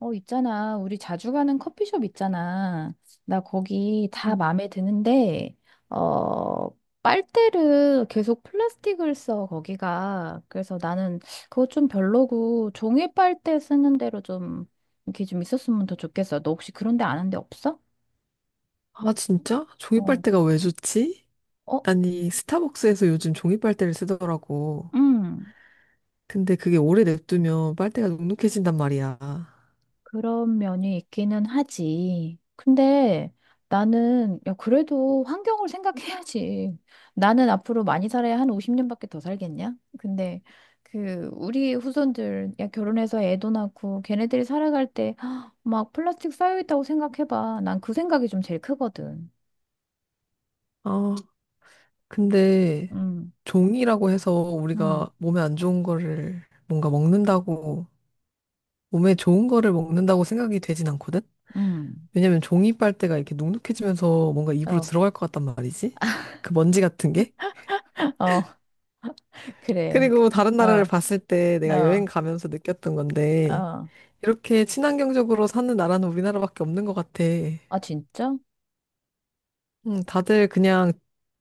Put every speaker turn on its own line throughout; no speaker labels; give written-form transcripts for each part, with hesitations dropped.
어, 있잖아. 우리 자주 가는 커피숍 있잖아. 나 거기 다
음.
마음에 드는데, 어, 빨대를 계속 플라스틱을 써, 거기가. 그래서 나는 그거 좀 별로고, 종이 빨대 쓰는 대로 좀, 이렇게 좀 있었으면 더 좋겠어. 너 혹시 그런 데 아는 데 없어?
아, 진짜? 종이
어,
빨대가 왜 좋지?
어,
아니, 스타벅스에서 요즘 종이 빨대를 쓰더라고.
응.
근데 그게 오래 냅두면 빨대가 눅눅해진단 말이야.
그런 면이 있기는 하지. 근데 나는, 야, 그래도 환경을 생각해야지. 나는 앞으로 많이 살아야 한 50년밖에 더 살겠냐? 근데 그, 우리 후손들, 야, 결혼해서 애도 낳고 걔네들이 살아갈 때 막 플라스틱 쌓여있다고 생각해봐. 난 그 생각이 좀 제일 크거든.
아, 근데
음,
종이라고 해서
음,
우리가 몸에 안 좋은 거를 뭔가 먹는다고, 몸에 좋은 거를 먹는다고 생각이 되진 않거든?
음.
왜냐면 종이 빨대가 이렇게 눅눅해지면서 뭔가 입으로
어,
들어갈 것 같단 말이지? 그 먼지 같은 게?
어, 그래. 그,
그리고 다른 나라를
어,
봤을 때 내가 여행
어,
가면서 느꼈던 건데,
어.
이렇게 친환경적으로 사는 나라는 우리나라밖에 없는 것 같아.
아, 진짜?
다들 그냥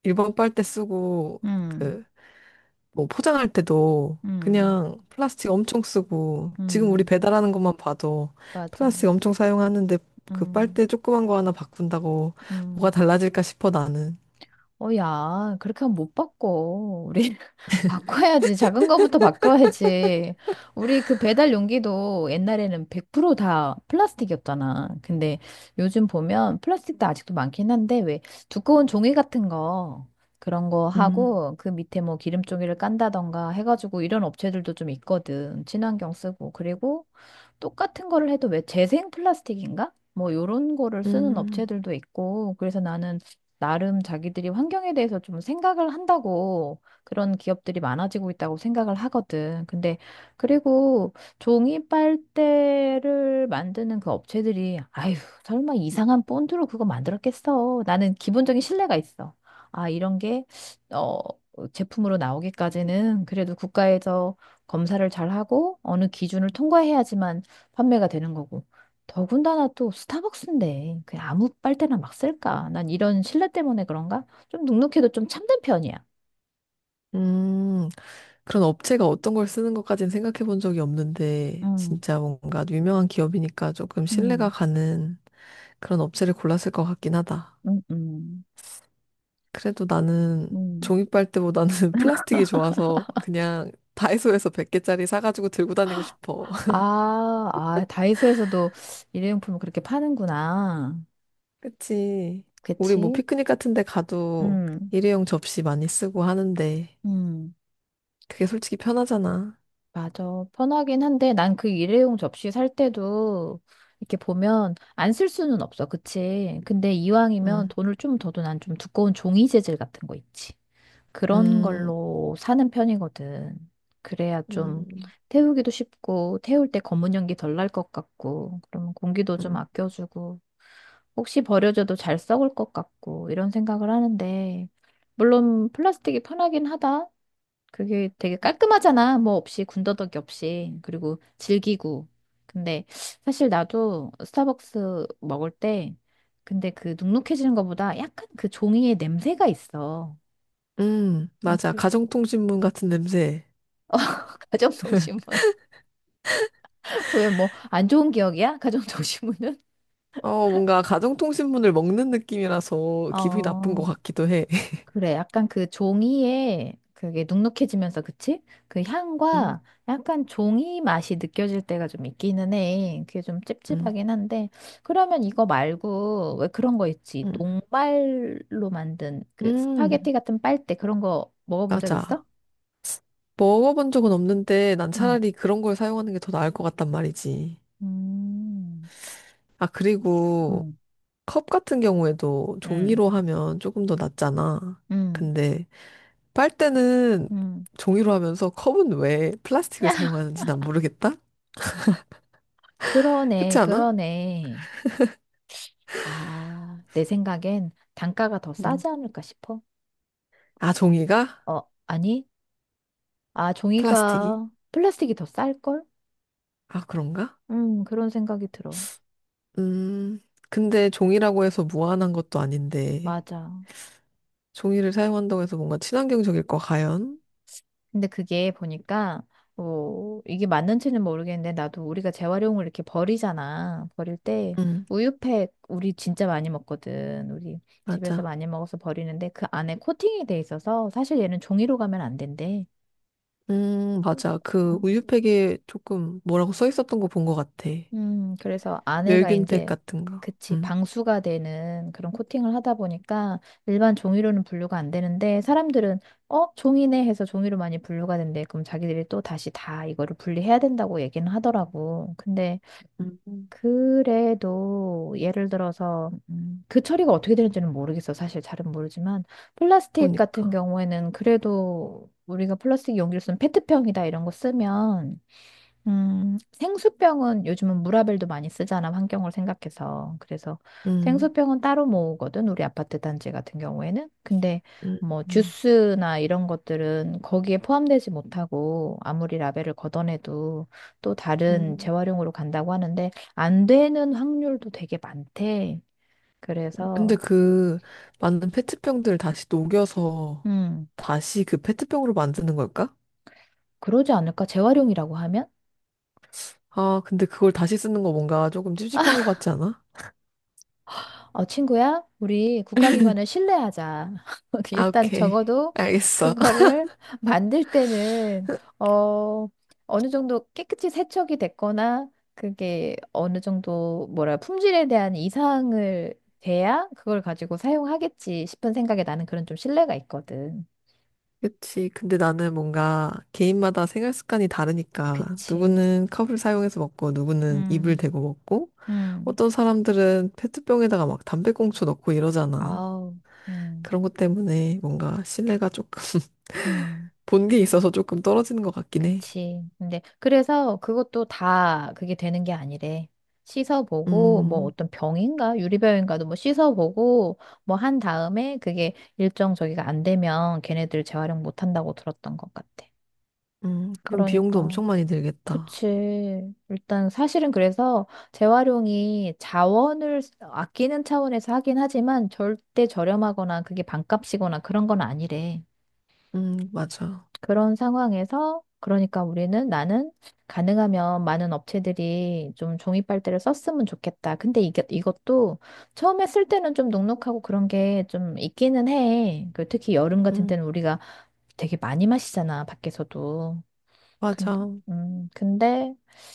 일반 빨대 쓰고,
음,
그, 뭐 포장할 때도
음,
그냥 플라스틱 엄청 쓰고, 지금 우리
음.
배달하는 것만 봐도
맞아.
플라스틱 엄청 사용하는데 그
음,
빨대 조그만 거 하나 바꾼다고 뭐가
음.
달라질까 싶어 나는.
어, 야, 그렇게 하면 못 바꿔. 우리 바꿔야지. 작은 거부터 바꿔야지. 우리 그 배달 용기도 옛날에는 100%다 플라스틱이었잖아. 근데 요즘 보면 플라스틱도 아직도 많긴 한데, 왜 두꺼운 종이 같은 거, 그런 거
음,
하고, 그 밑에 뭐 기름종이를 깐다던가 해가지고 이런 업체들도 좀 있거든. 친환경 쓰고. 그리고 똑같은 거를 해도 왜 재생 플라스틱인가? 뭐 요런 거를 쓰는
음.
업체들도 있고, 그래서 나는 나름 자기들이 환경에 대해서 좀 생각을 한다고 그런 기업들이 많아지고 있다고 생각을 하거든. 근데 그리고 종이 빨대를 만드는 그 업체들이 아휴, 설마 이상한 본드로 그거 만들었겠어. 나는 기본적인 신뢰가 있어. 아, 이런 게 어, 제품으로 나오기까지는 그래도 국가에서 검사를 잘 하고 어느 기준을 통과해야지만 판매가 되는 거고. 더군다나 또 스타벅스인데 그냥 아무 빨대나 막 쓸까? 난 이런 신뢰 때문에 그런가? 좀 눅눅해도 좀 참된 편이야.
음. 그런 업체가 어떤 걸 쓰는 것까지는 생각해 본 적이 없는데,
음,
진짜 뭔가 유명한 기업이니까 조금 신뢰가
음,
가는 그런 업체를 골랐을 것 같긴 하다.
음, 음,
그래도 나는
음.
종이빨대보다는 플라스틱이 좋아서 그냥 다이소에서 100개짜리 사가지고 들고 다니고 싶어.
아, 아, 다이소에서도 일회용품을 그렇게 파는구나.
그치. 우리 뭐
그치?
피크닉 같은 데 가도
음,
일회용 접시 많이 쓰고 하는데,
음.
그게 솔직히 편하잖아.
맞아. 편하긴 한데 난 그 일회용 접시 살 때도 이렇게 보면 안 쓸 수는 없어. 그치? 근데 이왕이면
응,
돈을 좀 더도 난 좀 두꺼운 종이 재질 같은 거 있지. 그런
음,
걸로 사는 편이거든. 그래야 좀
음,
태우기도 쉽고, 태울 때 검은 연기 덜 날 것 같고, 그러면 공기도
음,
좀
음,
아껴주고, 혹시 버려져도 잘 썩을 것 같고, 이런 생각을 하는데, 물론 플라스틱이 편하긴 하다. 그게 되게 깔끔하잖아. 뭐 없이, 군더더기 없이. 그리고 질기고. 근데 사실 나도 스타벅스 먹을 때, 근데 그 눅눅해지는 것보다 약간 그 종이의 냄새가 있어. 어,
맞아.
그
가정통신문 같은 냄새.
가정통신문. 왜 뭐 안 좋은 기억이야? 가정통신문은?
어, 뭔가 가정통신문을 먹는 느낌이라서 기분이 나쁜 것
어,
같기도 해.
그래. 약간 그 종이에 그게 눅눅해지면서 그치? 그
음,
향과 약간 종이 맛이 느껴질 때가 좀 있기는 해. 그게 좀
음,
찝찝하긴 한데. 그러면 이거 말고 왜 그런 거 있지?
음,
녹말로 만든 그
음,
스파게티 같은 빨대 그런 거 먹어본 적 있어?
맞아. 먹어본 적은 없는데 난
응.
차라리 그런 걸 사용하는 게 더 나을 것 같단 말이지.
음,
아, 그리고
음,
컵 같은 경우에도
음,
종이로 하면 조금 더 낫잖아.
음,
근데 빨대는
음.
종이로 하면서 컵은 왜 플라스틱을 사용하는지 난 모르겠다?
그러네,
그렇지 않아?
그러네. 아, 내 생각엔 단가가 더
음.
싸지 않을까 싶어.
아, 종이가?
어, 아니? 아,
플라스틱이?
종이가 플라스틱이 더 쌀걸?
아, 그런가?
그런 생각이 들어.
음, 근데 종이라고 해서 무한한 것도 아닌데,
맞아.
종이를 사용한다고 해서 뭔가 친환경적일 거 과연?
근데 그게 보니까, 어, 이게 맞는지는 모르겠는데, 나도 우리가 재활용을 이렇게 버리잖아. 버릴 때,
음,
우유팩, 우리 진짜 많이 먹거든. 우리 집에서
맞아.
많이 먹어서 버리는데, 그 안에 코팅이 돼 있어서, 사실 얘는 종이로 가면 안 된대.
맞아. 그
음.
우유팩에 조금 뭐라고 써 있었던 거 본 것 같아.
그래서 안에가
멸균팩
이제,
같은 거.
그치,
음,
방수가 되는 그런 코팅을 하다 보니까 일반 종이로는 분류가 안 되는데 사람들은, 어, 종이네 해서 종이로 많이 분류가 된대. 그럼 자기들이 또 다시 다 이거를 분리해야 된다고 얘기는 하더라고. 근데
음.
그래도 예를 들어서, 그 처리가 어떻게 되는지는 모르겠어. 사실 잘은 모르지만 플라스틱 같은
그러니까.
경우에는 그래도 우리가 플라스틱 용기를 쓰면 페트병이다 이런 거 쓰면 생수병은 요즘은 무라벨도 많이 쓰잖아, 환경을 생각해서. 그래서
음,
생수병은 따로 모으거든, 우리 아파트 단지 같은 경우에는. 근데
음,
뭐
음.
주스나 이런 것들은 거기에 포함되지 못하고 아무리 라벨을 걷어내도 또 다른
음.
재활용으로 간다고 하는데 안 되는 확률도 되게 많대.
근데
그래서,
그 만든 페트병들 다시 녹여서
음,
다시 그 페트병으로 만드는 걸까?
그러지 않을까? 재활용이라고 하면?
아, 근데 그걸 다시 쓰는 거 뭔가 조금 찝찝한 것 같지 않아?
어, 친구야, 우리 국가기관을 신뢰하자.
아,
일단
오케이.
적어도
알겠어.
그거를 만들 때는, 어, 어느 정도 깨끗이 세척이 됐거나, 그게 어느 정도, 뭐라, 품질에 대한 이상을 돼야 그걸 가지고 사용하겠지 싶은 생각에 나는 그런 좀 신뢰가 있거든.
그치. 근데 나는 뭔가 개인마다 생활 습관이 다르니까
그치.
누구는 컵을 사용해서 먹고 누구는 입을
음,
대고 먹고
음,
어떤 사람들은 페트병에다가 막 담배꽁초 넣고 이러잖아.
아우, 음,
그런 것 때문에 뭔가 신뢰가 조금
음.
본 게 있어서 조금 떨어지는 것 같긴 해.
그치. 근데 그래서 그것도 다 그게 되는 게 아니래. 씻어보고 뭐
음,
어떤 병인가 유리병인가도 뭐 씻어보고 뭐 한 다음에 그게 일정 저기가 안 되면 걔네들 재활용 못 한다고 들었던 것 같아.
그럼 비용도
그러니까
엄청 많이 들겠다.
그치. 일단 사실은 그래서 재활용이 자원을 아끼는 차원에서 하긴 하지만 절대 저렴하거나 그게 반값이거나 그런 건 아니래.
맞아.
그런 상황에서 그러니까 우리는 나는 가능하면 많은 업체들이 좀 종이 빨대를 썼으면 좋겠다. 근데 이게 이것도 처음에 쓸 때는 좀 눅눅하고 그런 게 좀 있기는 해. 그 특히 여름 같은
음,
때는 우리가 되게 많이 마시잖아, 밖에서도. 근데
맞아.
근데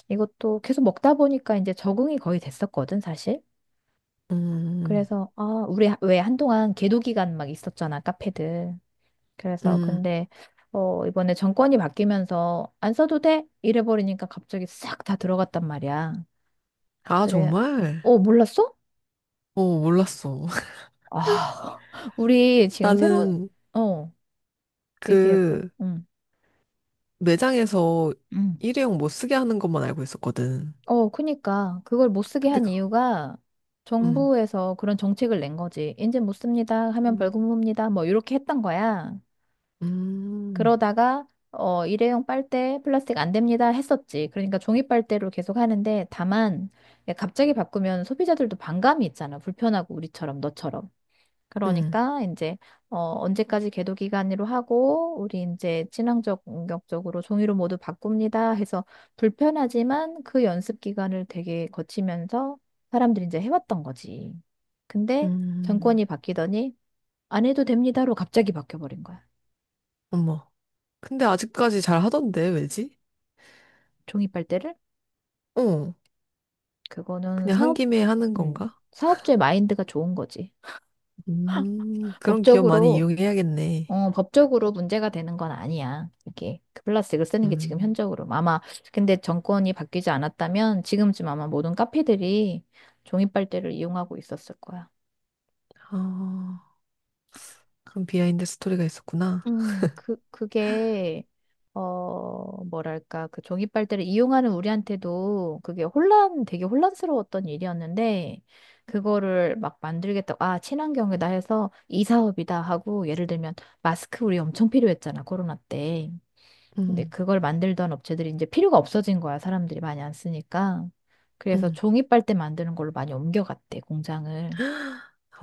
이것도 계속 먹다 보니까 이제 적응이 거의 됐었거든, 사실.
음,
그래서 아, 우리 왜 한동안 계도 기간 막 있었잖아, 카페들. 그래서
음.
근데 어 이번에 정권이 바뀌면서 안 써도 돼? 이래 버리니까 갑자기 싹 다 들어갔단 말이야.
아,
그래.
정말?
어, 몰랐어?
어, 몰랐어.
아, 우리 지금 새로운
나는
어, 얘기해 봐.
그
응.
매장에서
응
일회용 못 쓰게 하는 것만 알고 있었거든.
그니까 그걸 못 쓰게
근데
한
그,
이유가
음,
정부에서 그런 정책을 낸 거지. 이제 못 씁니다. 하면
음.
벌금 봅니다. 뭐 이렇게 했던 거야.
음,
그러다가 어, 일회용 빨대 플라스틱 안 됩니다 했었지. 그러니까 종이 빨대로 계속 하는데 다만 갑자기 바꾸면 소비자들도 반감이 있잖아. 불편하고 우리처럼 너처럼.
음,
그러니까 이제 언제까지 계도 기간으로 하고 우리 이제 친환경 적으로 종이로 모두 바꿉니다 해서 불편하지만 그 연습 기간을 되게 거치면서 사람들이 이제 해왔던 거지. 근데
음,
정권이 바뀌더니 안 해도 됩니다로 갑자기 바뀌어버린 거야.
어머. 근데 아직까지 잘 하던데, 왜지?
종이 빨대를
어,
그거는
그냥 한 김에 하는
음,
건가?
사업주의 마인드가 좋은 거지.
그런 기업 많이
법적으로,
이용해야겠네.
법적으로 문제가 되는 건 아니야. 이게 그 플라스틱을 쓰는 게 지금
음,
현적으로. 아마, 근데 정권이 바뀌지 않았다면 지금쯤 아마 모든 카페들이 종이빨대를 이용하고 있었을 거야.
아, 그런 비하인드 스토리가 있었구나.
그게, 어, 뭐랄까, 그 종이 빨대를 이용하는 우리한테도 그게 혼란, 되게 혼란스러웠던 일이었는데, 그거를 막 만들겠다고, 아, 친환경이다 해서 이 사업이다 하고, 예를 들면, 마스크 우리 엄청 필요했잖아, 코로나 때. 근데
음,
그걸 만들던 업체들이 이제 필요가 없어진 거야, 사람들이 많이 안 쓰니까. 그래서
음,
종이 빨대 만드는 걸로 많이 옮겨갔대, 공장을.
어,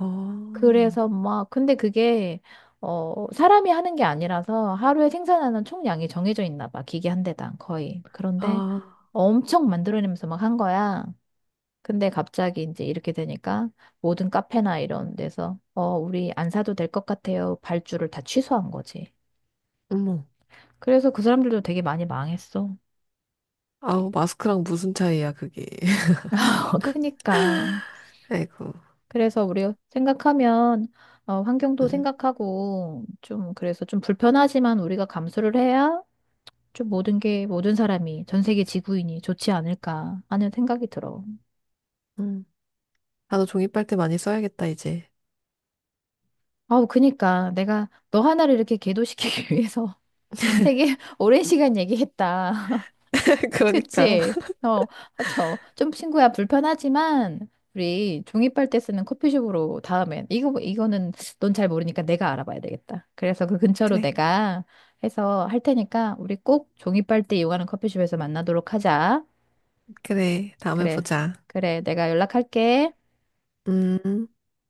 그래서 막, 근데 그게, 어, 사람이 하는 게 아니라서 하루에 생산하는 총량이 정해져 있나 봐. 기계 한 대당 거의. 그런데
아,
엄청 만들어내면서 막 한 거야. 근데 갑자기 이제 이렇게 되니까 모든 카페나 이런 데서, 어, 우리 안 사도 될 것 같아요. 발주를 다 취소한 거지.
어머.
그래서 그 사람들도 되게 많이 망했어.
아우, 마스크랑 무슨 차이야, 그게.
크니까.
아이고,
그래서 우리 생각하면, 어, 환경도
음,
생각하고, 좀, 그래서 좀 불편하지만 우리가 감수를 해야 좀 모든 게 모든 사람이 전 세계 지구인이 좋지 않을까 하는 생각이 들어.
음. 나도 종이빨대 많이 써야겠다, 이제.
아우 그니까 내가 너 하나를 이렇게 계도시키기 위해서 되게 오랜 시간 얘기했다.
그러니까.
그치? 어, 저 좀 친구야 불편하지만 우리 종이빨대 쓰는 커피숍으로 다음엔 이거 이거는 넌 잘 모르니까 내가 알아봐야 되겠다. 그래서 그 근처로
그래,
내가 해서 할 테니까 우리 꼭 종이빨대 이용하는 커피숍에서 만나도록 하자.
그래. 다음에
그래.
보자.
그래. 내가 연락할게.
음.